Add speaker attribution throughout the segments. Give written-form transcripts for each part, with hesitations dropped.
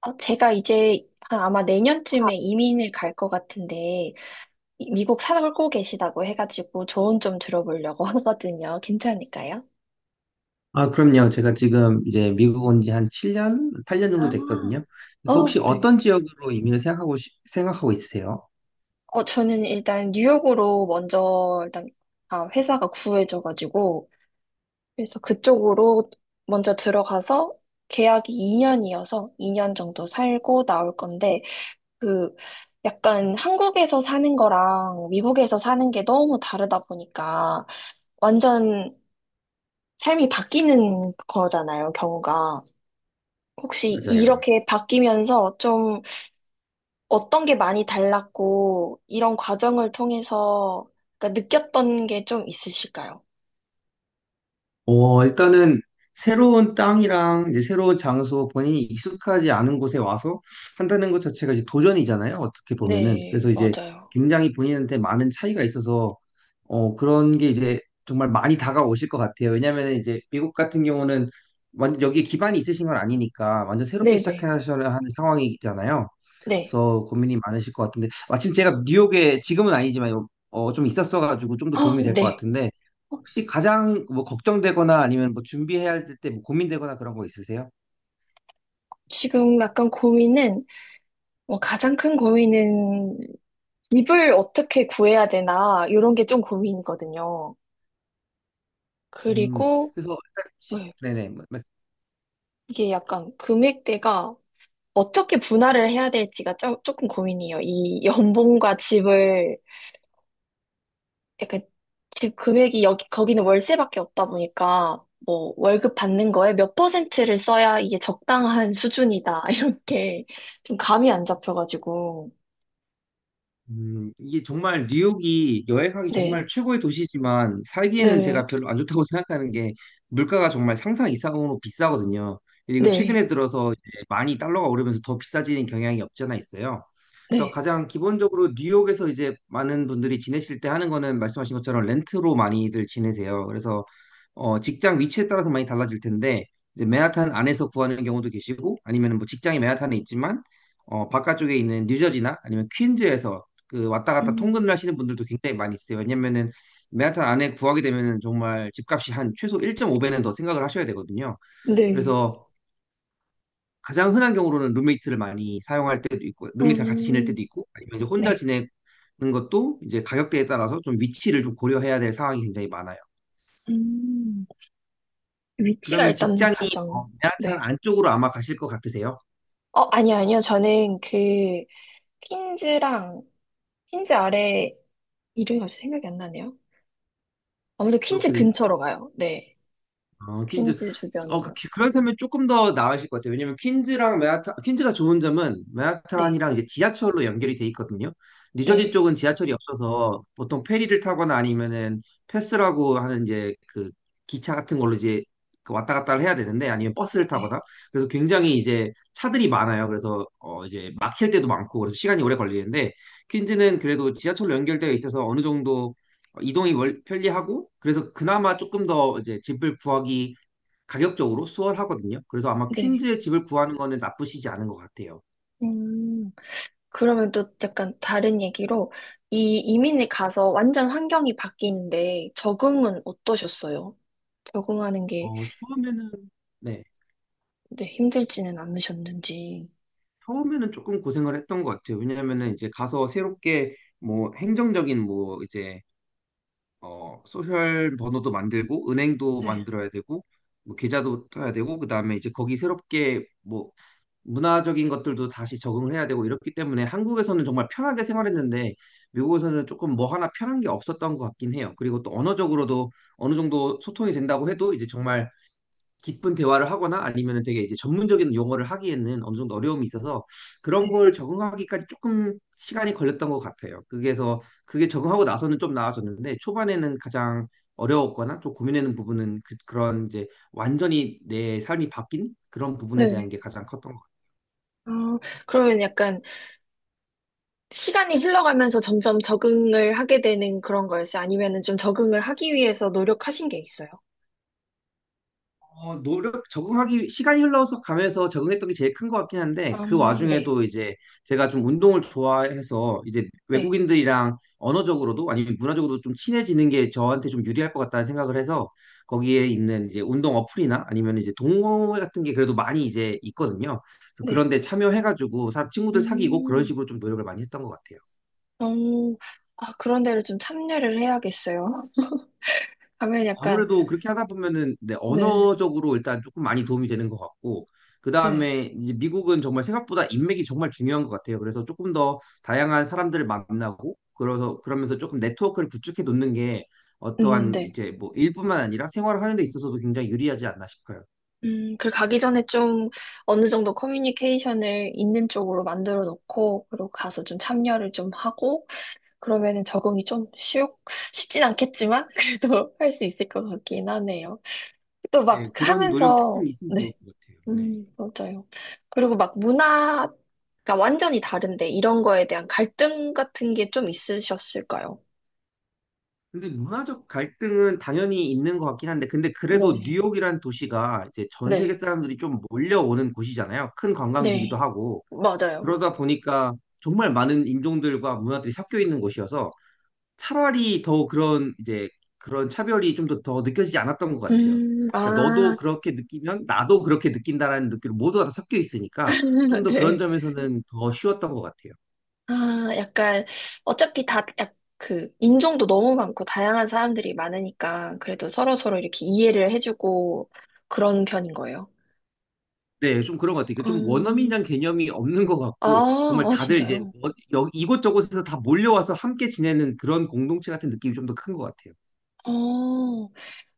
Speaker 1: 제가 이제 한 아마 내년쯤에 이민을 갈 것 같은데, 미국 살고 계시다고 해가지고 조언 좀 들어보려고 하거든요. 괜찮을까요?
Speaker 2: 아, 그럼요. 제가 지금 이제 미국 온 지 한 7년, 8년 정도
Speaker 1: 아,
Speaker 2: 됐거든요. 그래서 혹시
Speaker 1: 어, 네.
Speaker 2: 어떤 지역으로 이민을 생각하고, 생각하고 있으세요?
Speaker 1: 저는 일단 뉴욕으로 먼저 일단 아, 회사가 구해져가지고 그래서 그쪽으로 먼저 들어가서 계약이 2년이어서 2년 정도 살고 나올 건데 그 약간 한국에서 사는 거랑 미국에서 사는 게 너무 다르다 보니까 완전 삶이 바뀌는 거잖아요, 경우가. 혹시
Speaker 2: 맞아요.
Speaker 1: 이렇게 바뀌면서 좀 어떤 게 많이 달랐고, 이런 과정을 통해서 그러니까 느꼈던 게 좀 있으실까요?
Speaker 2: 일단은 새로운 땅이랑 이제 새로운 장소, 본인이 익숙하지 않은 곳에 와서 한다는 것 자체가 이제 도전이잖아요. 어떻게 보면은.
Speaker 1: 네,
Speaker 2: 그래서 이제
Speaker 1: 맞아요.
Speaker 2: 굉장히 본인한테 많은 차이가 있어서 그런 게 이제 정말 많이 다가오실 것 같아요. 왜냐면은 이제 미국 같은 경우는 완전 여기에 기반이 있으신 건 아니니까 완전 새롭게
Speaker 1: 네네,
Speaker 2: 시작하셔야 하는 상황이잖아요.
Speaker 1: 네.
Speaker 2: 그래서 고민이 많으실 것 같은데 마침 제가 뉴욕에 지금은 아니지만 좀 있었어가지고 좀 더
Speaker 1: 아,
Speaker 2: 도움이 될 것
Speaker 1: 네.
Speaker 2: 같은데
Speaker 1: 어,
Speaker 2: 혹시 가장 뭐 걱정되거나 아니면 뭐 준비해야 될 때 뭐 고민되거나 그런 거 있으세요?
Speaker 1: 지금 약간 고민은, 가장 큰 고민은 집을 어떻게 구해야 되나, 이런 게 좀 고민이거든요.
Speaker 2: 음,
Speaker 1: 그리고,
Speaker 2: 그래서 일단
Speaker 1: 네,
Speaker 2: 네네.
Speaker 1: 이게 약간 금액대가 어떻게 분할을 해야 될지가 조금 고민이에요. 이 연봉과 집을 약간 집 금액이 여기 거기는 월세밖에 없다 보니까 뭐 월급 받는 거에 몇 퍼센트를 써야 이게 적당한 수준이다 이렇게 좀 감이 안 잡혀가지고
Speaker 2: 이게 정말 뉴욕이 여행하기
Speaker 1: 네,
Speaker 2: 정말 최고의 도시지만 살기에는
Speaker 1: 네,
Speaker 2: 제가 별로 안 좋다고 생각하는 게 물가가 정말 상상 이상으로 비싸거든요. 그리고
Speaker 1: 네,
Speaker 2: 최근에 들어서 이제 많이 달러가 오르면서 더 비싸지는 경향이 없지 않아 있어요. 그래서
Speaker 1: 네,
Speaker 2: 가장 기본적으로 뉴욕에서 이제 많은 분들이 지내실 때 하는 거는 말씀하신 것처럼 렌트로 많이들 지내세요. 그래서 직장 위치에 따라서 많이 달라질 텐데 이제 맨하탄 안에서 구하는 경우도 계시고 아니면 뭐 직장이 맨하탄에 있지만 바깥쪽에 있는 뉴저지나 아니면 퀸즈에서 그 왔다 갔다
Speaker 1: 음,
Speaker 2: 통근을 하시는 분들도 굉장히 많이 있어요. 왜냐면은 맨하탄 안에 구하게 되면은 정말 집값이 한 최소 1.5배는 더 생각을 하셔야 되거든요.
Speaker 1: 네,
Speaker 2: 그래서 가장 흔한 경우로는 룸메이트를 많이 사용할 때도 있고, 룸메이트랑 같이 지낼 때도
Speaker 1: 음,
Speaker 2: 있고, 아니면 이제 혼자
Speaker 1: 네.
Speaker 2: 지내는 것도 이제 가격대에 따라서 좀 위치를 좀 고려해야 될 상황이 굉장히 많아요.
Speaker 1: 음, 위치가
Speaker 2: 그러면
Speaker 1: 일단
Speaker 2: 직장이
Speaker 1: 가장,
Speaker 2: 맨하탄
Speaker 1: 네.
Speaker 2: 안쪽으로 아마 가실 것 같으세요?
Speaker 1: 아니요, 아니요. 저는 그, 퀸즈랑, 퀸즈 아래 이름이 갑자기 생각이 안 나네요. 아무래도 퀸즈
Speaker 2: 브루클린?
Speaker 1: 근처로 가요. 네.
Speaker 2: 어, 퀸즈.
Speaker 1: 퀸즈 주변으로.
Speaker 2: 그렇다면 조금 더 나으실 것 같아요. 왜냐면 퀸즈랑 맨하탄, 퀸즈가 좋은 점은
Speaker 1: 네.
Speaker 2: 맨하탄이랑 이제 지하철로 연결이 돼 있거든요. 뉴저지
Speaker 1: 네.
Speaker 2: 쪽은 지하철이 없어서 보통 페리를 타거나 아니면은 패스라고 하는 이제 그 기차 같은 걸로 이제 그 왔다 갔다를 해야 되는데 아니면 버스를
Speaker 1: 네.
Speaker 2: 타거나. 그래서 굉장히 이제 차들이 많아요. 그래서 어 이제 막힐 때도 많고 그래서 시간이 오래 걸리는데 퀸즈는 그래도 지하철로 연결되어 있어서 어느 정도 이동이 편리하고 그래서 그나마 조금 더 이제 집을 구하기 가격적으로 수월하거든요. 그래서 아마
Speaker 1: 네.
Speaker 2: 퀸즈에 집을 구하는 거는 나쁘시지 않은 것 같아요.
Speaker 1: 음, 그러면 또 약간 다른 얘기로 이 이민을 가서 완전 환경이 바뀌는데 적응은 어떠셨어요? 적응하는 게
Speaker 2: 어, 처음에는 네,
Speaker 1: 네, 힘들지는 않으셨는지.
Speaker 2: 처음에는 조금 고생을 했던 것 같아요. 왜냐하면은 이제 가서 새롭게 뭐 행정적인 뭐 이제 소셜 번호도 만들고 은행도
Speaker 1: 네.
Speaker 2: 만들어야 되고 뭐 계좌도 떠야 되고 그다음에 이제 거기 새롭게 뭐 문화적인 것들도 다시 적응을 해야 되고 이렇기 때문에 한국에서는 정말 편하게 생활했는데 미국에서는 조금 뭐 하나 편한 게 없었던 것 같긴 해요. 그리고 또 언어적으로도 어느 정도 소통이 된다고 해도 이제 정말 깊은 대화를 하거나 아니면 되게 이제 전문적인 용어를 하기에는 어느 정도 어려움이 있어서 그런
Speaker 1: 네.
Speaker 2: 걸 적응하기까지 조금 시간이 걸렸던 것 같아요. 그게서 그게 적응하고 나서는 좀 나아졌는데 초반에는 가장 어려웠거나 좀 고민되는 부분은 그런 이제 완전히 내 삶이 바뀐 그런 부분에 대한
Speaker 1: 네.
Speaker 2: 게 가장 컸던 것 같아요.
Speaker 1: 아, 그러면 약간 시간이 흘러가면서 점점 적응을 하게 되는 그런 거였어요? 아니면은 좀 적응을 하기 위해서 노력하신 게 있어요?
Speaker 2: 적응하기, 시간이 흘러서 가면서 적응했던 게 제일 큰 것 같긴 한데, 그
Speaker 1: 네.
Speaker 2: 와중에도 이제 제가 좀 운동을 좋아해서 이제
Speaker 1: 네.
Speaker 2: 외국인들이랑 언어적으로도 아니면 문화적으로도 좀 친해지는 게 저한테 좀 유리할 것 같다는 생각을 해서 거기에 있는 이제 운동 어플이나 아니면 이제 동호회 같은 게 그래도 많이 이제 있거든요. 그래서
Speaker 1: 네.
Speaker 2: 그런 데 참여해가지고 친구들 사귀고 그런
Speaker 1: 음,
Speaker 2: 식으로 좀 노력을 많이 했던 것 같아요.
Speaker 1: 어, 아, 그런 데를 좀 참여를 해야겠어요. 가면 약간,
Speaker 2: 아무래도 그렇게 하다 보면은 네,
Speaker 1: 네,
Speaker 2: 언어적으로 일단 조금 많이 도움이 되는 것 같고
Speaker 1: 네,
Speaker 2: 그다음에 이제 미국은 정말 생각보다 인맥이 정말 중요한 것 같아요. 그래서 조금 더 다양한 사람들을 만나고 그래서 그러면서 조금 네트워크를 구축해 놓는 게 어떠한
Speaker 1: 네.
Speaker 2: 이제 뭐 일뿐만 아니라 생활을 하는 데 있어서도 굉장히 유리하지 않나 싶어요.
Speaker 1: 그 가기 전에 좀 어느 정도 커뮤니케이션을 있는 쪽으로 만들어 놓고, 그리고 가서 좀 참여를 좀 하고, 그러면은 적응이 좀 쉽진 않겠지만, 그래도 할 수 있을 것 같긴 하네요. 또 막
Speaker 2: 네, 그런 노력이
Speaker 1: 하면서,
Speaker 2: 조금 있으면 좋을
Speaker 1: 네.
Speaker 2: 것 같아요. 네.
Speaker 1: 맞아요. 그리고 막 문화가 완전히 다른데 이런 거에 대한 갈등 같은 게 좀 있으셨을까요?
Speaker 2: 근데 문화적 갈등은 당연히 있는 것 같긴 한데, 근데 그래도
Speaker 1: 네.
Speaker 2: 뉴욕이란 도시가 이제 전 세계
Speaker 1: 네,
Speaker 2: 사람들이 좀 몰려오는 곳이잖아요. 큰 관광지기도
Speaker 1: 네,
Speaker 2: 하고.
Speaker 1: 맞아요.
Speaker 2: 그러다 보니까 정말 많은 인종들과 문화들이 섞여 있는 곳이어서 차라리 더 그런 이제 그런 차별이 좀 더 느껴지지 않았던 것 같아요. 그러니까 너도
Speaker 1: 아,
Speaker 2: 그렇게 느끼면 나도 그렇게 느낀다라는 느낌 모두가 다 섞여 있으니까 좀 더 그런
Speaker 1: 네.
Speaker 2: 점에서는 더 쉬웠던 것 같아요.
Speaker 1: 아, 약간, 어차피 그, 인종도 너무 많고, 다양한 사람들이 많으니까, 그래도 서로서로 이렇게 이해를 해주고, 그런 편인 거예요.
Speaker 2: 네, 좀 그런 것 같아요. 그러니까 좀
Speaker 1: 음,
Speaker 2: 원어민이란 개념이 없는 것
Speaker 1: 아,
Speaker 2: 같고 정말
Speaker 1: 아,
Speaker 2: 다들 이제
Speaker 1: 진짜요?
Speaker 2: 이곳저곳에서 다 몰려와서 함께 지내는 그런 공동체 같은 느낌이 좀 더 큰 것 같아요.
Speaker 1: 어,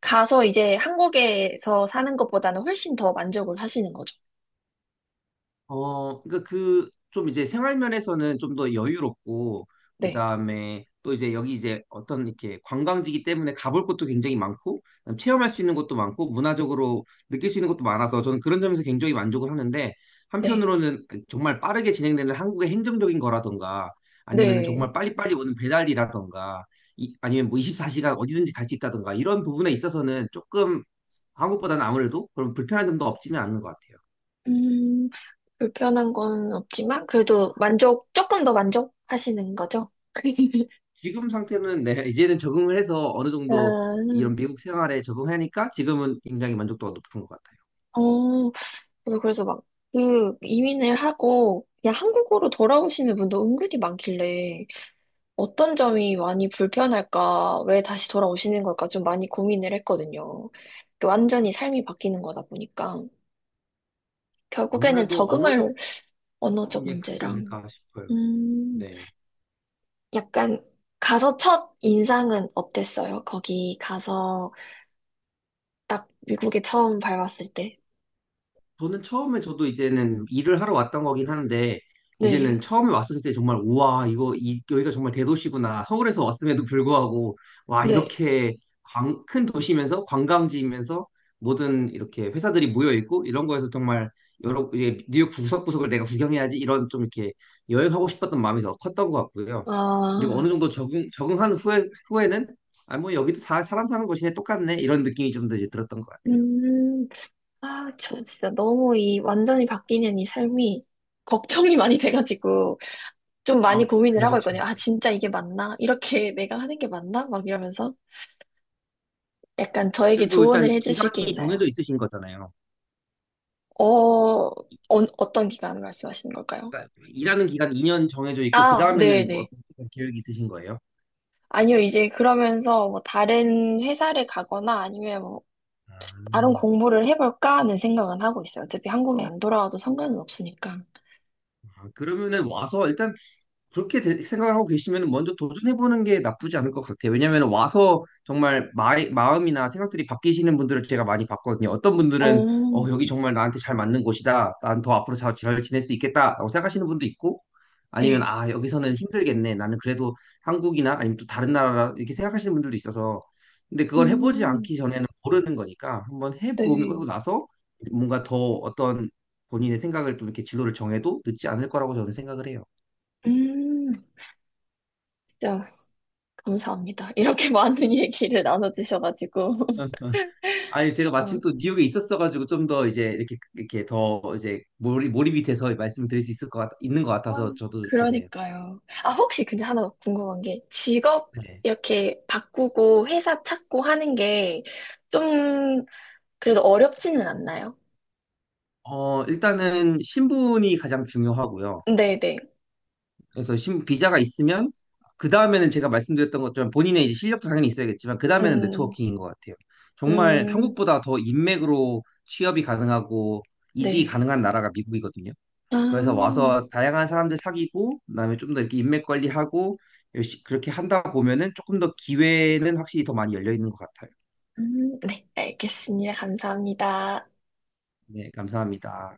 Speaker 1: 가서 이제 한국에서 사는 것보다는 훨씬 더 만족을 하시는 거죠.
Speaker 2: 그러니까 그 좀 이제 생활 면에서는 좀 더 여유롭고
Speaker 1: 네,
Speaker 2: 그다음에 또 이제 여기 이제 어떤 이렇게 관광지기 때문에 가볼 곳도 굉장히 많고 그다음에 체험할 수 있는 것도 많고 문화적으로 느낄 수 있는 것도 많아서 저는 그런 점에서 굉장히 만족을 하는데
Speaker 1: 네,
Speaker 2: 한편으로는 정말 빠르게 진행되는 한국의 행정적인 거라던가 아니면은
Speaker 1: 네.
Speaker 2: 정말 빨리빨리 오는 배달이라던가 아니면 뭐 24시간 어디든지 갈 수 있다던가 이런 부분에 있어서는 조금 한국보다는 아무래도 그런 불편한 점도 없지는 않은 것 같아요.
Speaker 1: 음, 불편한 건 없지만, 그래도 만족, 조금 더 만족하시는 거죠.
Speaker 2: 지금 상태는 네, 이제는 적응을 해서 어느 정도
Speaker 1: 음,
Speaker 2: 이런 미국 생활에 적응하니까 지금은 굉장히 만족도가 높은 것 같아요.
Speaker 1: 어, 저도 그래서 막, 그, 이민을 하고, 그냥 한국으로 돌아오시는 분도 은근히 많길래, 어떤 점이 많이 불편할까, 왜 다시 돌아오시는 걸까 좀 많이 고민을 했거든요. 완전히 삶이 바뀌는 거다 보니까. 결국에는
Speaker 2: 아무래도 언어적인
Speaker 1: 적응을 언어적
Speaker 2: 게 크지
Speaker 1: 문제랑.
Speaker 2: 않을까 싶어요.
Speaker 1: 음,
Speaker 2: 네.
Speaker 1: 약간 가서 첫 인상은 어땠어요? 거기 가서 딱 미국에 처음 밟았을 때.
Speaker 2: 저는 처음에 저도 이제는 일을 하러 왔던 거긴 하는데 이제는
Speaker 1: 네,
Speaker 2: 처음에 왔을 때 정말 우와 이거 여기가 정말 대도시구나. 서울에서 왔음에도 불구하고 와
Speaker 1: 네.
Speaker 2: 이렇게 큰 도시면서 관광지이면서 모든 이렇게 회사들이 모여 있고 이런 거에서 정말 여러 이제 뉴욕 구석구석을 내가 구경해야지 이런 좀 이렇게 여행하고 싶었던 마음이 더 컸던 것 같고요. 그리고
Speaker 1: 아,
Speaker 2: 어느 정도 적응한 후에 후에는 아 뭐 여기도 다 사람 사는 곳이네 똑같네 이런 느낌이 좀 더 이제 들었던 것 같아요.
Speaker 1: 음, 아, 저 진짜 너무 이 완전히 바뀌는 이 삶이 걱정이 많이 돼가지고 좀 많이
Speaker 2: 아,
Speaker 1: 고민을 하고
Speaker 2: 그렇죠.
Speaker 1: 있거든요. 아, 진짜 이게 맞나? 이렇게 내가 하는 게 맞나? 막 이러면서 약간 저에게
Speaker 2: 그래도
Speaker 1: 조언을
Speaker 2: 일단
Speaker 1: 해주실 게
Speaker 2: 기간이 정해져
Speaker 1: 있나요?
Speaker 2: 있으신 거잖아요.
Speaker 1: 어, 어 어떤 기간 말씀하시는 걸까요?
Speaker 2: 그러니까 일하는 기간 2년 정해져 있고 그
Speaker 1: 아,
Speaker 2: 다음에는 뭐
Speaker 1: 네네.
Speaker 2: 어떤 계획이 있으신 거예요?
Speaker 1: 아니요, 이제 그러면서 뭐 다른 회사를 가거나 아니면 뭐 다른
Speaker 2: 아,
Speaker 1: 공부를 해볼까 하는 생각은 하고 있어요. 어차피 한국에 안 돌아와도 상관은 없으니까.
Speaker 2: 그러면은 와서 일단 생각하고 계시면 먼저 도전해보는 게 나쁘지 않을 것 같아요. 왜냐하면 와서 정말 마음이나 생각들이 바뀌시는 분들을 제가 많이 봤거든요. 어떤 분들은
Speaker 1: 어,
Speaker 2: 여기 정말 나한테 잘 맞는 곳이다. 난 더 앞으로 잘 지낼 수 있겠다라고 생각하시는 분도 있고 아니면
Speaker 1: 네.
Speaker 2: 아, 여기서는 힘들겠네. 나는 그래도 한국이나 아니면 또 다른 나라 이렇게 생각하시는 분들도 있어서 근데 그걸 해보지
Speaker 1: 음,
Speaker 2: 않기 전에는 모르는 거니까 한번
Speaker 1: 네.
Speaker 2: 해보고 나서 뭔가 더 어떤 본인의 생각을 좀 이렇게 진로를 정해도 늦지 않을 거라고 저는 생각을 해요.
Speaker 1: 음, 진짜 감사합니다. 이렇게 많은 얘기를 나눠주셔가지고.
Speaker 2: 아니 제가 마침
Speaker 1: 전-
Speaker 2: 또 뉴욕에 있었어가지고 좀 더 이제 이렇게 더 이제 몰입이 돼서 말씀을 드릴 수 있을 있는 것
Speaker 1: 아,
Speaker 2: 같아서 저도 좋네요.
Speaker 1: 그러니까요. 아, 혹시 근데 하나 궁금한 게 직업
Speaker 2: 네.
Speaker 1: 이렇게 바꾸고 회사 찾고 하는 게 좀 그래도 어렵지는 않나요?
Speaker 2: 어 일단은 신분이 가장 중요하고요.
Speaker 1: 네네.
Speaker 2: 그래서 비자가 있으면 그 다음에는 제가 말씀드렸던 것처럼 본인의 이제 실력도 당연히 있어야겠지만 그 다음에는
Speaker 1: 음,
Speaker 2: 네트워킹인 것 같아요. 정말
Speaker 1: 음,
Speaker 2: 한국보다 더 인맥으로 취업이 가능하고 이직이
Speaker 1: 네.
Speaker 2: 가능한 나라가 미국이거든요.
Speaker 1: 아,
Speaker 2: 그래서 와서 다양한 사람들 사귀고 그다음에 좀 더 이렇게 인맥 관리하고 열심 그렇게 한다 보면은 조금 더 기회는 확실히 더 많이 열려 있는 것 같아요.
Speaker 1: 네. 알겠습니다. 감사합니다.
Speaker 2: 네, 감사합니다.